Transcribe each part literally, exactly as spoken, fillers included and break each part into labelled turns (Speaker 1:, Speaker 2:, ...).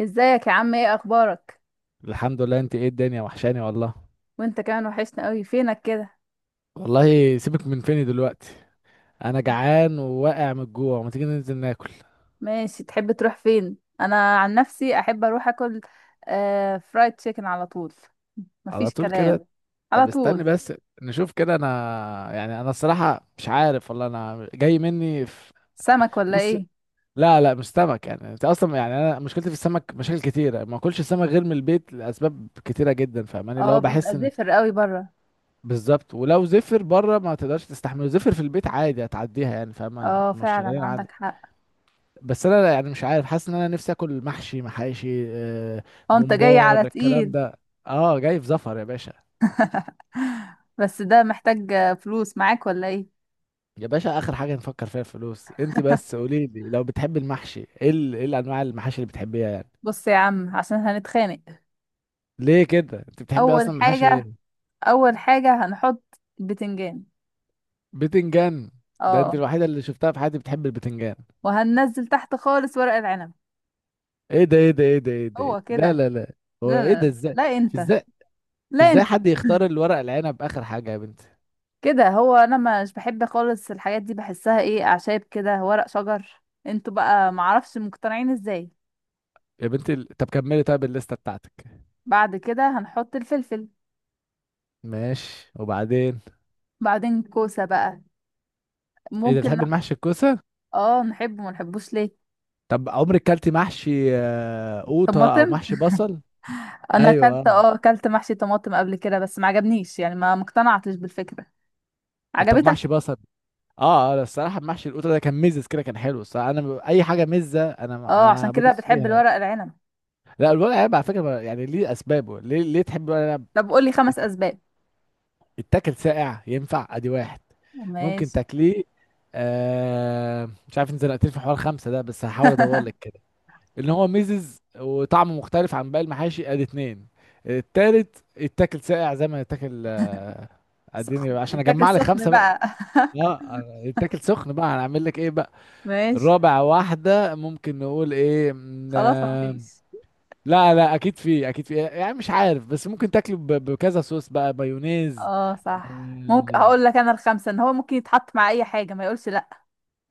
Speaker 1: ازيك يا عم، ايه اخبارك؟
Speaker 2: الحمد لله. انت ايه، الدنيا وحشاني والله.
Speaker 1: وانت كمان وحشنا قوي، فينك كده؟
Speaker 2: والله سيبك من فيني دلوقتي. انا جعان وواقع من الجوع، ما تيجي ننزل ناكل.
Speaker 1: ماشي، تحب تروح فين؟ انا عن نفسي احب اروح اكل. آه، فرايد تشيكن على طول.
Speaker 2: على
Speaker 1: مفيش
Speaker 2: طول كده.
Speaker 1: كلام. على
Speaker 2: طب استني
Speaker 1: طول.
Speaker 2: بس. نشوف كده انا. يعني انا الصراحة مش عارف والله، انا جاي مني في...
Speaker 1: سمك ولا
Speaker 2: بص.
Speaker 1: ايه؟
Speaker 2: لا لا مش سمك. يعني انت اصلا، يعني انا مشكلتي في السمك مشاكل كتيرة، ما اكلش سمك غير من البيت لاسباب كتيرة جدا، فاهماني، اللي
Speaker 1: اه،
Speaker 2: هو بحس
Speaker 1: بيبقى
Speaker 2: ان...
Speaker 1: زفر قوي بره.
Speaker 2: بالظبط، ولو زفر بره ما تقدرش تستحمله، زفر في البيت عادي هتعديها يعني، فاهمة،
Speaker 1: اه
Speaker 2: مش
Speaker 1: فعلا
Speaker 2: شغالين عندي.
Speaker 1: عندك حق.
Speaker 2: بس انا يعني مش عارف، حاسس ان انا نفسي اكل محشي محاشي آه،
Speaker 1: اه انت جاي
Speaker 2: ممبار
Speaker 1: على
Speaker 2: الكلام
Speaker 1: تقيل.
Speaker 2: ده. اه جاي في زفر يا باشا.
Speaker 1: بس ده محتاج آه، فلوس معاك ولا ايه؟
Speaker 2: يا باشا، اخر حاجه نفكر فيها الفلوس، انت بس قولي لي لو بتحبي المحشي، ايه ال- ايه الانواع المحاشي اللي بتحبيها يعني.
Speaker 1: بص يا عم عشان هنتخانق.
Speaker 2: ليه كده؟ انت بتحبي
Speaker 1: اول
Speaker 2: اصلا محاشي
Speaker 1: حاجة
Speaker 2: ايه؟
Speaker 1: اول حاجة هنحط البتنجان.
Speaker 2: بتنجان. ده انت
Speaker 1: اه.
Speaker 2: الوحيده اللي شفتها في حياتي بتحب البتنجان.
Speaker 1: وهننزل تحت خالص ورق العنب.
Speaker 2: ايه ده ايه ده ايه ده ايه ده، إيه ده؟
Speaker 1: هو
Speaker 2: لا
Speaker 1: كده.
Speaker 2: لا لا. هو
Speaker 1: لا
Speaker 2: ايه ده
Speaker 1: لا
Speaker 2: ازاي؟
Speaker 1: لا، انت.
Speaker 2: ازاي؟
Speaker 1: لا
Speaker 2: ازاي
Speaker 1: انت.
Speaker 2: حد يختار الورق العنب اخر حاجه يا بنتي؟
Speaker 1: كده هو. انا مش بحب خالص الحاجات دي، بحسها ايه، اعشاب كده ورق شجر، انتوا بقى معرفش مقتنعين ازاي.
Speaker 2: يا بنتي ال- طب كملي طيب، الليسته بتاعتك.
Speaker 1: بعد كده هنحط الفلفل.
Speaker 2: ماشي، وبعدين؟
Speaker 1: بعدين كوسة بقى.
Speaker 2: ايه ده،
Speaker 1: ممكن
Speaker 2: بتحب
Speaker 1: نح-
Speaker 2: المحشي الكوسه؟
Speaker 1: اه نحبه، ما نحبوش ليه.
Speaker 2: طب عمرك كلتي محشي آه، قوطه او
Speaker 1: طماطم.
Speaker 2: محشي بصل؟
Speaker 1: انا
Speaker 2: ايوه
Speaker 1: اكلت
Speaker 2: آه.
Speaker 1: اه اكلت محشي طماطم قبل كده، بس ما عجبنيش، يعني ما مقتنعتش بالفكرة.
Speaker 2: طب
Speaker 1: عجبتك؟
Speaker 2: محشي بصل. اه اه الصراحه، محشي القوطه ده كان مزز كده، كان حلو الصراحه، انا ب- اي حاجه مزه انا
Speaker 1: اه عشان
Speaker 2: انا
Speaker 1: كده
Speaker 2: بدوس فيها
Speaker 1: بتحب
Speaker 2: يعني.
Speaker 1: الورق العنب.
Speaker 2: لا الورق عنب على فكره، ما- يعني ليه، اسبابه، ليه ليه تحب الورق عنب.
Speaker 1: طب قولي
Speaker 2: يت-
Speaker 1: خمس اسباب.
Speaker 2: يتاكل ساقع، ينفع، ادي واحد. ممكن
Speaker 1: ماشي.
Speaker 2: تاكليه. آه مش عارف، انت زنقتني في حوار خمسه ده، بس هحاول ادور لك. ان هو ميزز وطعمه مختلف عن باقي المحاشي، ادي اتنين. التالت يتاكل ساقع زي ما يتاكل آه، اديني
Speaker 1: سخن،
Speaker 2: بقى عشان
Speaker 1: اتاكل
Speaker 2: اجمع لك
Speaker 1: سخن
Speaker 2: خمسه بقى.
Speaker 1: بقى.
Speaker 2: اه أنا- يتاكل سخن بقى، هنعمل لك ايه بقى؟
Speaker 1: ماشي.
Speaker 2: الرابع واحده، ممكن نقول ايه مم،
Speaker 1: خلاص ما
Speaker 2: آه،
Speaker 1: فيش.
Speaker 2: لا لا اكيد في، اكيد في، يعني مش عارف بس ممكن تاكله ب- بكذا صوص بقى، مايونيز.
Speaker 1: اه صح، ممكن
Speaker 2: آه،
Speaker 1: هقول لك انا الخمسه، ان هو ممكن يتحط مع اي حاجه ما يقولش لا.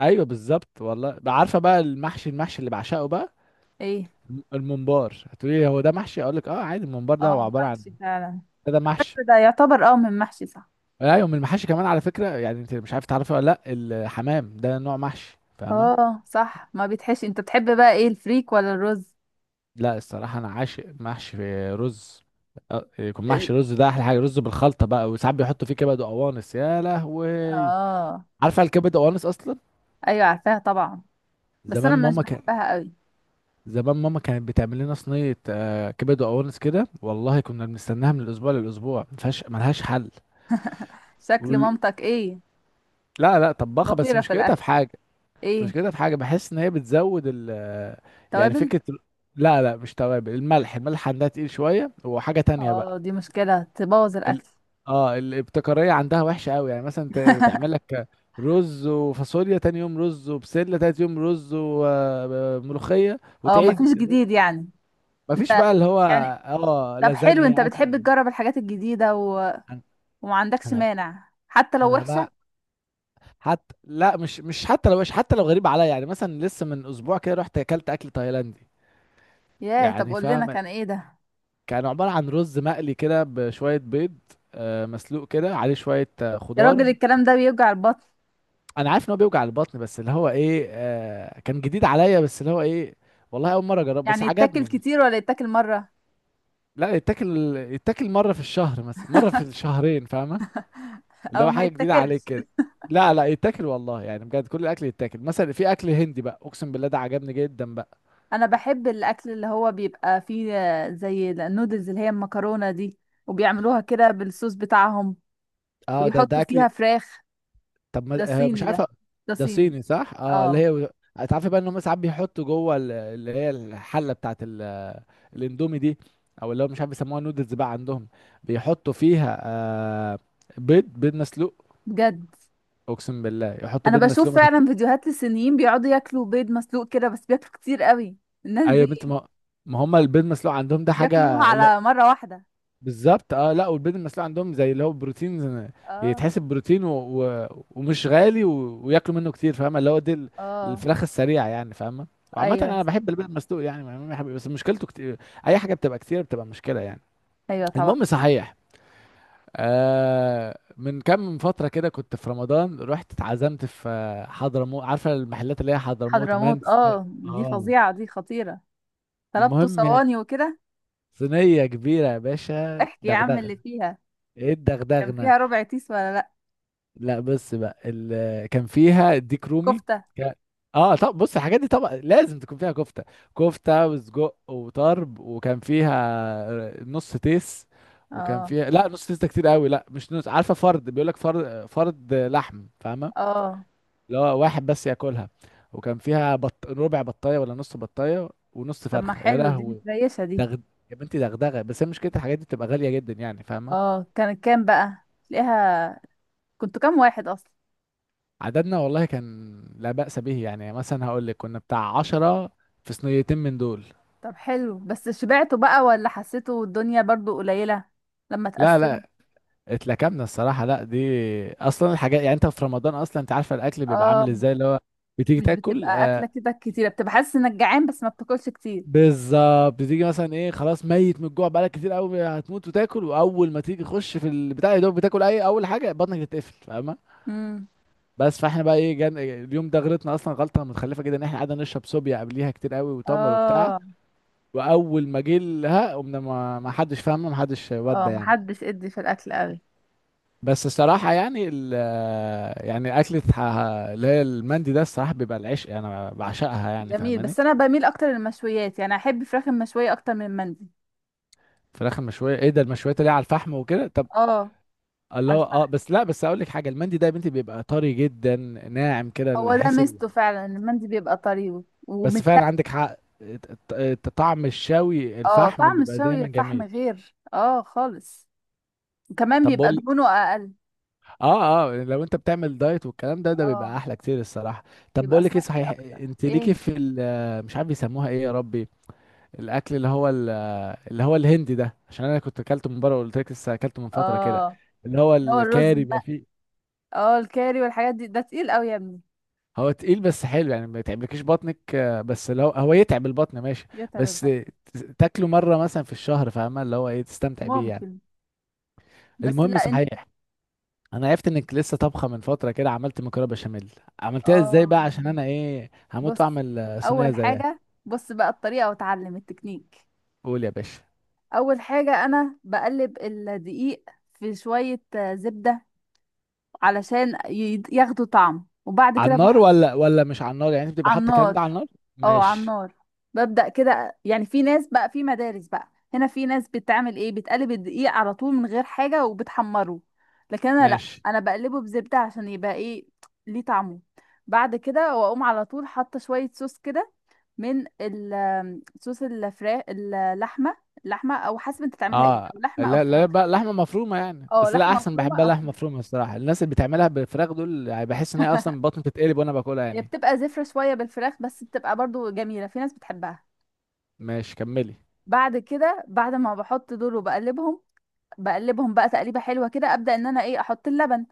Speaker 2: ايوه بالظبط والله. بقى عارفه بقى المحشي، المحشي اللي بعشقه بقى.
Speaker 1: ايه؟
Speaker 2: الم- الممبار، هتقولي هو ده محشي؟ اقول لك اه عادي، الممبار ده هو
Speaker 1: اه
Speaker 2: عباره عن...
Speaker 1: محشي فعلا.
Speaker 2: ده, ده محشي.
Speaker 1: حتى ده يعتبر اه من محشي صح.
Speaker 2: ايوه من المحاشي كمان على فكره، يعني انت مش عارف تعرفي ولا لا، الحمام ده نوع محشي فاهمه.
Speaker 1: اه صح، ما بيتحشي. انت بتحب بقى ايه، الفريك ولا الرز؟
Speaker 2: لا الصراحه انا عاشق محشي رز. أه، يكون
Speaker 1: ال...
Speaker 2: محشي رز ده احلى حاجه، رز بالخلطه بقى، وساعات بيحطوا فيه كبد وقوانص، يا لهوي.
Speaker 1: اه.
Speaker 2: عارفه الكبد وقوانص اصلا؟
Speaker 1: ايوه عارفاها طبعا. بس
Speaker 2: زمان
Speaker 1: انا مش
Speaker 2: ماما كان...
Speaker 1: بحبها قوي.
Speaker 2: زمان ماما كانت بتعمل لنا صينيه آه، كبد وقوانص كده والله، كنا بنستناها من الاسبوع للاسبوع، ما فيهاش ملهاش حل.
Speaker 1: شكل
Speaker 2: وال...
Speaker 1: مامتك ايه؟
Speaker 2: لا لا طباخه، بس
Speaker 1: خطيره في
Speaker 2: مشكلتها في
Speaker 1: الاكل.
Speaker 2: حاجه. مش
Speaker 1: ايه؟
Speaker 2: كده، في حاجة بحس ان هي بتزود ال... يعني
Speaker 1: توابل.
Speaker 2: فكرة ال- لا لا مش توابل، الملح، الملح عندها تقيل شوية، وحاجة تانية بقى.
Speaker 1: اه دي مشكله، تبوظ
Speaker 2: ال...
Speaker 1: الاكل.
Speaker 2: اه الابتكارية عندها وحشة قوي، يعني مثلا ت- تعمل لك رز وفاصوليا، تاني يوم رز وبسلة، تالت يوم رز وملوخية
Speaker 1: اه مفيش
Speaker 2: وتعيد.
Speaker 1: جديد يعني.
Speaker 2: مفيش
Speaker 1: انت
Speaker 2: بقى اللي هو...
Speaker 1: يعني.
Speaker 2: اه
Speaker 1: طب حلو، انت
Speaker 2: لازانيا اكل.
Speaker 1: بتحب تجرب الحاجات الجديده وما
Speaker 2: انا
Speaker 1: عندكش
Speaker 2: انا
Speaker 1: مانع حتى لو
Speaker 2: أنا
Speaker 1: وحشة.
Speaker 2: بقى، حتى لا، مش مش حتى لو مش حتى لو غريب عليا، يعني مثلا لسه من اسبوع كده رحت اكلت اكل تايلاندي.
Speaker 1: ياه، طب
Speaker 2: يعني
Speaker 1: قول لنا
Speaker 2: فاهم؟
Speaker 1: كان ايه ده.
Speaker 2: كان عبارة عن رز مقلي كده بشوية بيض آه، مسلوق كده، عليه شوية آه،
Speaker 1: يا راجل
Speaker 2: خضار.
Speaker 1: الكلام ده بيوجع البطن.
Speaker 2: أنا عارف إن هو بيوجع البطن، بس اللي هو إيه آه، كان جديد عليا، بس اللي هو إيه، والله أول مرة أجرب، بس
Speaker 1: يعني يتاكل
Speaker 2: عجبني.
Speaker 1: كتير ولا يتاكل مرة؟
Speaker 2: لا يتاكل يتاكل مرة في الشهر مثلا، مرة في الشهرين، فاهمة. اللي
Speaker 1: او
Speaker 2: هو
Speaker 1: ما
Speaker 2: حاجة جديدة عليك
Speaker 1: يتاكلش.
Speaker 2: كده. لا لا يتاكل والله يعني، بجد كل الأكل يتاكل، مثلا في أكل هندي بقى، أقسم بالله ده عجبني جدا بقى.
Speaker 1: انا بحب الاكل اللي هو بيبقى فيه آه، زي النودلز، اللي هي المكرونة دي، وبيعملوها كده بالصوص بتاعهم،
Speaker 2: اه ده
Speaker 1: ويحطوا
Speaker 2: ده
Speaker 1: فيها
Speaker 2: أكل.
Speaker 1: فراخ.
Speaker 2: طب
Speaker 1: ده
Speaker 2: ما آه، مش
Speaker 1: صيني ده.
Speaker 2: عارفه.
Speaker 1: ده
Speaker 2: ده
Speaker 1: صيني.
Speaker 2: صيني صح، اه اللي
Speaker 1: اه.
Speaker 2: هي... تعرفي بقى ان هم ساعات بيحطوا جوه ال- اللي هي الحله بتاعت ال- الاندومي دي، او اللي هو مش عارف يسموها نودلز بقى عندهم، بيحطوا فيها آه بيض، بيض مسلوق.
Speaker 1: بجد؟
Speaker 2: اقسم بالله يحطوا
Speaker 1: انا
Speaker 2: بيض مسلوق
Speaker 1: بشوف
Speaker 2: ما
Speaker 1: فعلا
Speaker 2: تف-
Speaker 1: فيديوهات للصينيين بيقعدوا ياكلوا بيض مسلوق كده، بس بياكلوا كتير قوي الناس
Speaker 2: ايوه يا بنت
Speaker 1: دي.
Speaker 2: ما، ما هم البيض مسلوق عندهم ده
Speaker 1: بياكلوها
Speaker 2: حاجه اللي...
Speaker 1: على مرة واحدة.
Speaker 2: بالظبط اه. لا والبيض المسلوق عندهم زي اللي هو بروتين زي-
Speaker 1: اه.
Speaker 2: يتحسب بروتين و... و... ومش غالي و... وياكلوا منه كتير فاهمه، اللي هو دي ال-
Speaker 1: اه.
Speaker 2: الفراخ السريعه يعني فاهمه. وعامه
Speaker 1: ايوه.
Speaker 2: انا بحب البيض المسلوق يعني ما- ما بحب- بس مشكلته كتير. اي حاجه بتبقى كتير بتبقى مشكله يعني.
Speaker 1: ايوه طبعا.
Speaker 2: المهم صحيح، آه من كام فتره كده كنت في رمضان، رحت اتعزمت في آه، حضرموت. عارفه المحلات اللي هي حضرموت
Speaker 1: حضرموت،
Speaker 2: مانس.
Speaker 1: اه دي
Speaker 2: اه
Speaker 1: فظيعه، دي خطيره. طلبته
Speaker 2: المهم،
Speaker 1: صواني وكده.
Speaker 2: صينيه كبيره يا باشا،
Speaker 1: احكي يا عم
Speaker 2: دغدغه.
Speaker 1: اللي فيها.
Speaker 2: ايه
Speaker 1: كان
Speaker 2: الدغدغه؟
Speaker 1: فيها ربع تيس ولا لا؟
Speaker 2: لا بس بقى ال... كان فيها ديك رومي.
Speaker 1: كفته.
Speaker 2: كان- اه طب بص، الحاجات دي طبعا لازم تكون فيها كفته، كفته وسجق وطرب، وكان فيها نص تيس. وكان
Speaker 1: اه.
Speaker 2: فيها لا، نص تيس ده كتير قوي، لا مش نص، عارفه، فرد، بيقول لك فرد، فرد لحم فاهمه،
Speaker 1: اه.
Speaker 2: اللي هو واحد بس ياكلها. وكان فيها بط... ربع بطايه ولا نص بطايه ونص
Speaker 1: طب ما
Speaker 2: فرخه، يا
Speaker 1: حلو، دي
Speaker 2: لهوي.
Speaker 1: متريشه دي.
Speaker 2: دغد... يا بنتي دغدغه، بس هي مشكله الحاجات دي بتبقى غاليه جدا يعني فاهمه.
Speaker 1: اه كانت كام بقى تلاقيها؟ كنتوا كام واحد اصلا؟
Speaker 2: عددنا والله كان لا بأس به، يعني مثلا هقول لك كنا بتاع عشرة، في صينيتين من دول.
Speaker 1: طب حلو، بس شبعتوا بقى ولا حسيتوا الدنيا برضو قليله لما
Speaker 2: لا
Speaker 1: تقسم؟
Speaker 2: لا اتلكمنا الصراحة، لا دي أصلا الحاجات، يعني أنت في رمضان أصلا أنت عارفة الأكل بيبقى
Speaker 1: اه
Speaker 2: عامل إزاي اللي هو بتيجي
Speaker 1: مش
Speaker 2: تاكل
Speaker 1: بتبقى
Speaker 2: آه
Speaker 1: اكله كده كتيره، بتبقى حاسس انك جعان بس ما بتاكلش كتير.
Speaker 2: بالظبط، بتيجي مثلا إيه، خلاص ميت من الجوع بقالك كتير قوي، هتموت، وتاكل، وأول ما تيجي تخش في البتاع، يا دوب بتاكل أي أول حاجة بطنك تتقفل فاهمة.
Speaker 1: امم.
Speaker 2: بس فاحنا بقى ايه، جان اليوم ده غلطنا اصلا غلطه متخلفه جدا ان احنا قعدنا نشرب صوبيا قبليها كتير قوي، وتمر وبتاع.
Speaker 1: اه.
Speaker 2: واول ما جه لها قمنا ما ما حدش فاهمه، ما حدش
Speaker 1: اه
Speaker 2: ودى يعني.
Speaker 1: محدش ادي في الاكل قوي.
Speaker 2: بس الصراحه يعني ال... يعني اكله ح- اللي هي المندي ده الصراحه بيبقى العشق يعني، انا بعشقها يعني
Speaker 1: جميل.
Speaker 2: فاهماني.
Speaker 1: بس انا بميل اكتر للمشويات، يعني احب فراخ المشويه اكتر من المندي.
Speaker 2: فراخ المشويه ايه ده، المشويات اللي هي على الفحم وكده؟ طب
Speaker 1: اه على
Speaker 2: الله، اه
Speaker 1: الفحم.
Speaker 2: بس لا بس اقول لك حاجه، المندي ده يا بنتي بيبقى طري جدا، ناعم كده،
Speaker 1: هو
Speaker 2: اللي
Speaker 1: ده
Speaker 2: حس ال...
Speaker 1: ميزته فعلا، المندي بيبقى طري
Speaker 2: بس
Speaker 1: ومت.
Speaker 2: فعلا عندك حق، الت- الت- طعم الشوي
Speaker 1: اه
Speaker 2: الفحم
Speaker 1: طعم
Speaker 2: بيبقى
Speaker 1: الشوي
Speaker 2: دايما
Speaker 1: فحم
Speaker 2: جميل.
Speaker 1: غير اه خالص. وكمان
Speaker 2: طب
Speaker 1: بيبقى
Speaker 2: بقول،
Speaker 1: دهونه اقل.
Speaker 2: اه اه لو انت بتعمل دايت والكلام ده، ده
Speaker 1: اه
Speaker 2: بيبقى احلى كتير الصراحه. طب
Speaker 1: بيبقى
Speaker 2: بقول لك ايه
Speaker 1: صحي
Speaker 2: صحيح،
Speaker 1: اكتر.
Speaker 2: انت ليكي
Speaker 1: ايه؟
Speaker 2: في ال- مش عارف بيسموها ايه يا ربي، الاكل اللي هو ال- اللي هو الهندي ده، عشان انا كنت اكلته من بره وقلت لك لسه اكلته من فتره كده،
Speaker 1: اه
Speaker 2: اللي هو
Speaker 1: اللي هو الرز
Speaker 2: الكاري
Speaker 1: الم-
Speaker 2: بيبقى فيه.
Speaker 1: اه الكاري والحاجات دي، ده تقيل قوي يا ابني.
Speaker 2: هو تقيل بس حلو يعني، ما يتعبلكيش بطنك آه، بس لو هو يتعب البطن ماشي، بس
Speaker 1: يتعبها.
Speaker 2: ت- تاكله مره مثلا في الشهر فاهمه اللي هو ايه، تستمتع بيه يعني.
Speaker 1: ممكن. بس
Speaker 2: المهم
Speaker 1: لا انت.
Speaker 2: صحيح، انا عرفت انك لسه طبخه من فتره كده عملت مكرونه بشاميل. عملتها ازاي
Speaker 1: اه
Speaker 2: بقى عشان انا ايه، هموت
Speaker 1: بص.
Speaker 2: واعمل آه، صينيه
Speaker 1: اول
Speaker 2: زيها.
Speaker 1: حاجه بص بقى الطريقه واتعلم التكنيك.
Speaker 2: قول يا باشا.
Speaker 1: اول حاجة انا بقلب الدقيق في شوية آه، زبدة، علشان ي- ياخدوا طعم. وبعد
Speaker 2: على
Speaker 1: كده
Speaker 2: النار ولا ولا مش على النار، يعني انت بتبقى
Speaker 1: على
Speaker 2: حاطه الكلام
Speaker 1: النار.
Speaker 2: ده على النار؟
Speaker 1: اه على
Speaker 2: ماشي.
Speaker 1: النار. ببدأ كده، يعني في ناس بقى، في مدارس بقى هنا، في ناس بتعمل ايه، بتقلب الدقيق على طول من غير حاجة وبتحمره. لكن انا لا.
Speaker 2: ماشي.
Speaker 1: انا بقلبه بزبدة عشان يبقى ايه، ليه طعمه. بعد كده واقوم على طول حاطة شوية صوص كده من ال- صوص الفراخ، اللحمة. اللحمة او حسب انت تعملها ايه،
Speaker 2: اه
Speaker 1: لو لحمة او
Speaker 2: لا لا
Speaker 1: فراخ.
Speaker 2: بقى لحمه مفرومه يعني،
Speaker 1: اه
Speaker 2: بس لا
Speaker 1: لحمة
Speaker 2: احسن
Speaker 1: مفرومة
Speaker 2: بحبها
Speaker 1: او
Speaker 2: لحمه
Speaker 1: فراخ.
Speaker 2: مفرومه الصراحه، الناس اللي بتعملها بالفراخ دول يعني بحس ان هي اصلا بطني بتتقلب وانا باكلها
Speaker 1: هي
Speaker 2: يعني.
Speaker 1: بتبقى زفرة شوية بالفراخ، بس بتبقى برضو جميلة، في ناس بتحبها.
Speaker 2: ماشي كملي.
Speaker 1: بعد كده، بعد ما بحط دول وبقلبهم، بقلبهم بقى تقليبه حلوه كده، ابدا ان انا ايه، احط اللبن.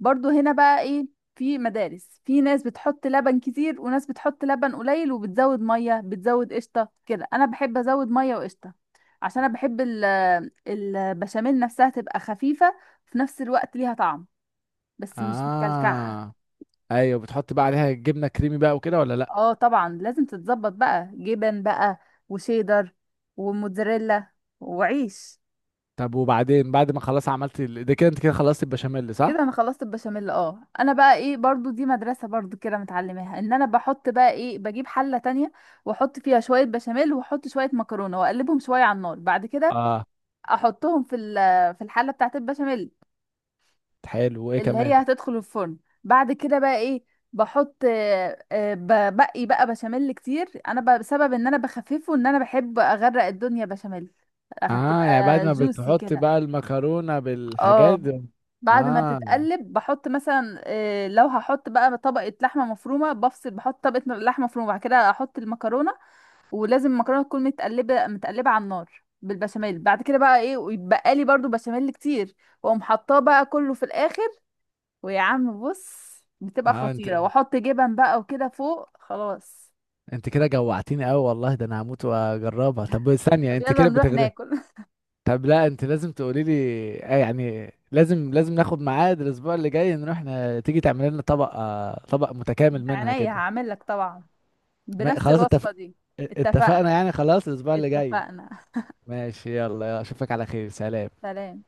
Speaker 1: برضو هنا بقى ايه، في مدارس، في ناس بتحط لبن كتير وناس بتحط لبن قليل، وبتزود ميه، بتزود قشطه كده. انا بحب ازود ميه وقشطه عشان انا بحب ال- البشاميل نفسها تبقى خفيفه، في نفس الوقت ليها طعم، بس مش مكلكعه.
Speaker 2: اه ايوه، بتحط بقى عليها جبنه كريمي بقى وكده ولا لا؟
Speaker 1: اه طبعا لازم تتظبط بقى، جبن بقى، وشيدر، وموتزاريلا، وعيش.
Speaker 2: طب وبعدين، بعد ما خلاص عملت ال- ده كده انت كده خلصت البشاميل
Speaker 1: كده
Speaker 2: صح.
Speaker 1: انا خلصت البشاميل. اه انا بقى ايه، برضو دي مدرسة برضو كده متعلماها، ان انا بحط بقى ايه، بجيب حلة تانية واحط فيها شوية بشاميل واحط شوية مكرونة واقلبهم شوية على النار، بعد كده
Speaker 2: اه
Speaker 1: احطهم في ال- في الحلة بتاعت البشاميل
Speaker 2: حلو، وايه
Speaker 1: اللي هي
Speaker 2: كمان؟
Speaker 1: هتدخل الفرن. بعد كده بقى ايه، بحط آه، آه، ببقي بقى بشاميل كتير انا بقى، بسبب ان انا بخففه، ان انا بحب اغرق الدنيا بشاميل،
Speaker 2: اه يعني بعد
Speaker 1: هتبقى
Speaker 2: ما
Speaker 1: جوسي
Speaker 2: بتحط
Speaker 1: كده.
Speaker 2: بقى المكرونة بالحاجات
Speaker 1: اه
Speaker 2: دي.
Speaker 1: بعد ما
Speaker 2: اه
Speaker 1: تتقلب بحط مثلا آه، لو هحط بقى طبقة لحمة مفرومة بفصل، بحط طبقة لحمة مفرومة بعد كده احط المكرونة. ولازم المكرونة تكون متقلبة متقلبة على النار بالبشاميل. بعد كده بقى ايه، ويتبقى لي برضو بشاميل كتير، واقوم حطاه بقى كله في الاخر. ويا عم بص، بتبقى
Speaker 2: اه انت
Speaker 1: خطيرة، واحط جبن بقى وكده فوق خلاص.
Speaker 2: انت كده جوعتيني قوي والله، ده انا هموت واجربها، طب ثانية
Speaker 1: طب
Speaker 2: انت
Speaker 1: يلا
Speaker 2: كده
Speaker 1: نروح
Speaker 2: بتغرف.
Speaker 1: ناكل.
Speaker 2: طب لا انت لازم تقولي لي آه يعني لازم لازم ناخد ميعاد الاسبوع اللي جاي، نروح ن... تيجي تعملي لنا طبق آه طبق
Speaker 1: من
Speaker 2: متكامل منها
Speaker 1: عينيا
Speaker 2: كده.
Speaker 1: هعمل لك طبعا،
Speaker 2: ما...
Speaker 1: بنفس
Speaker 2: خلاص
Speaker 1: الوصفة
Speaker 2: اتفق...
Speaker 1: دي. اتفقنا.
Speaker 2: اتفقنا يعني، خلاص الاسبوع اللي جاي.
Speaker 1: اتفقنا.
Speaker 2: ماشي، يلا يلا، اشوفك على خير، سلام.
Speaker 1: سلام.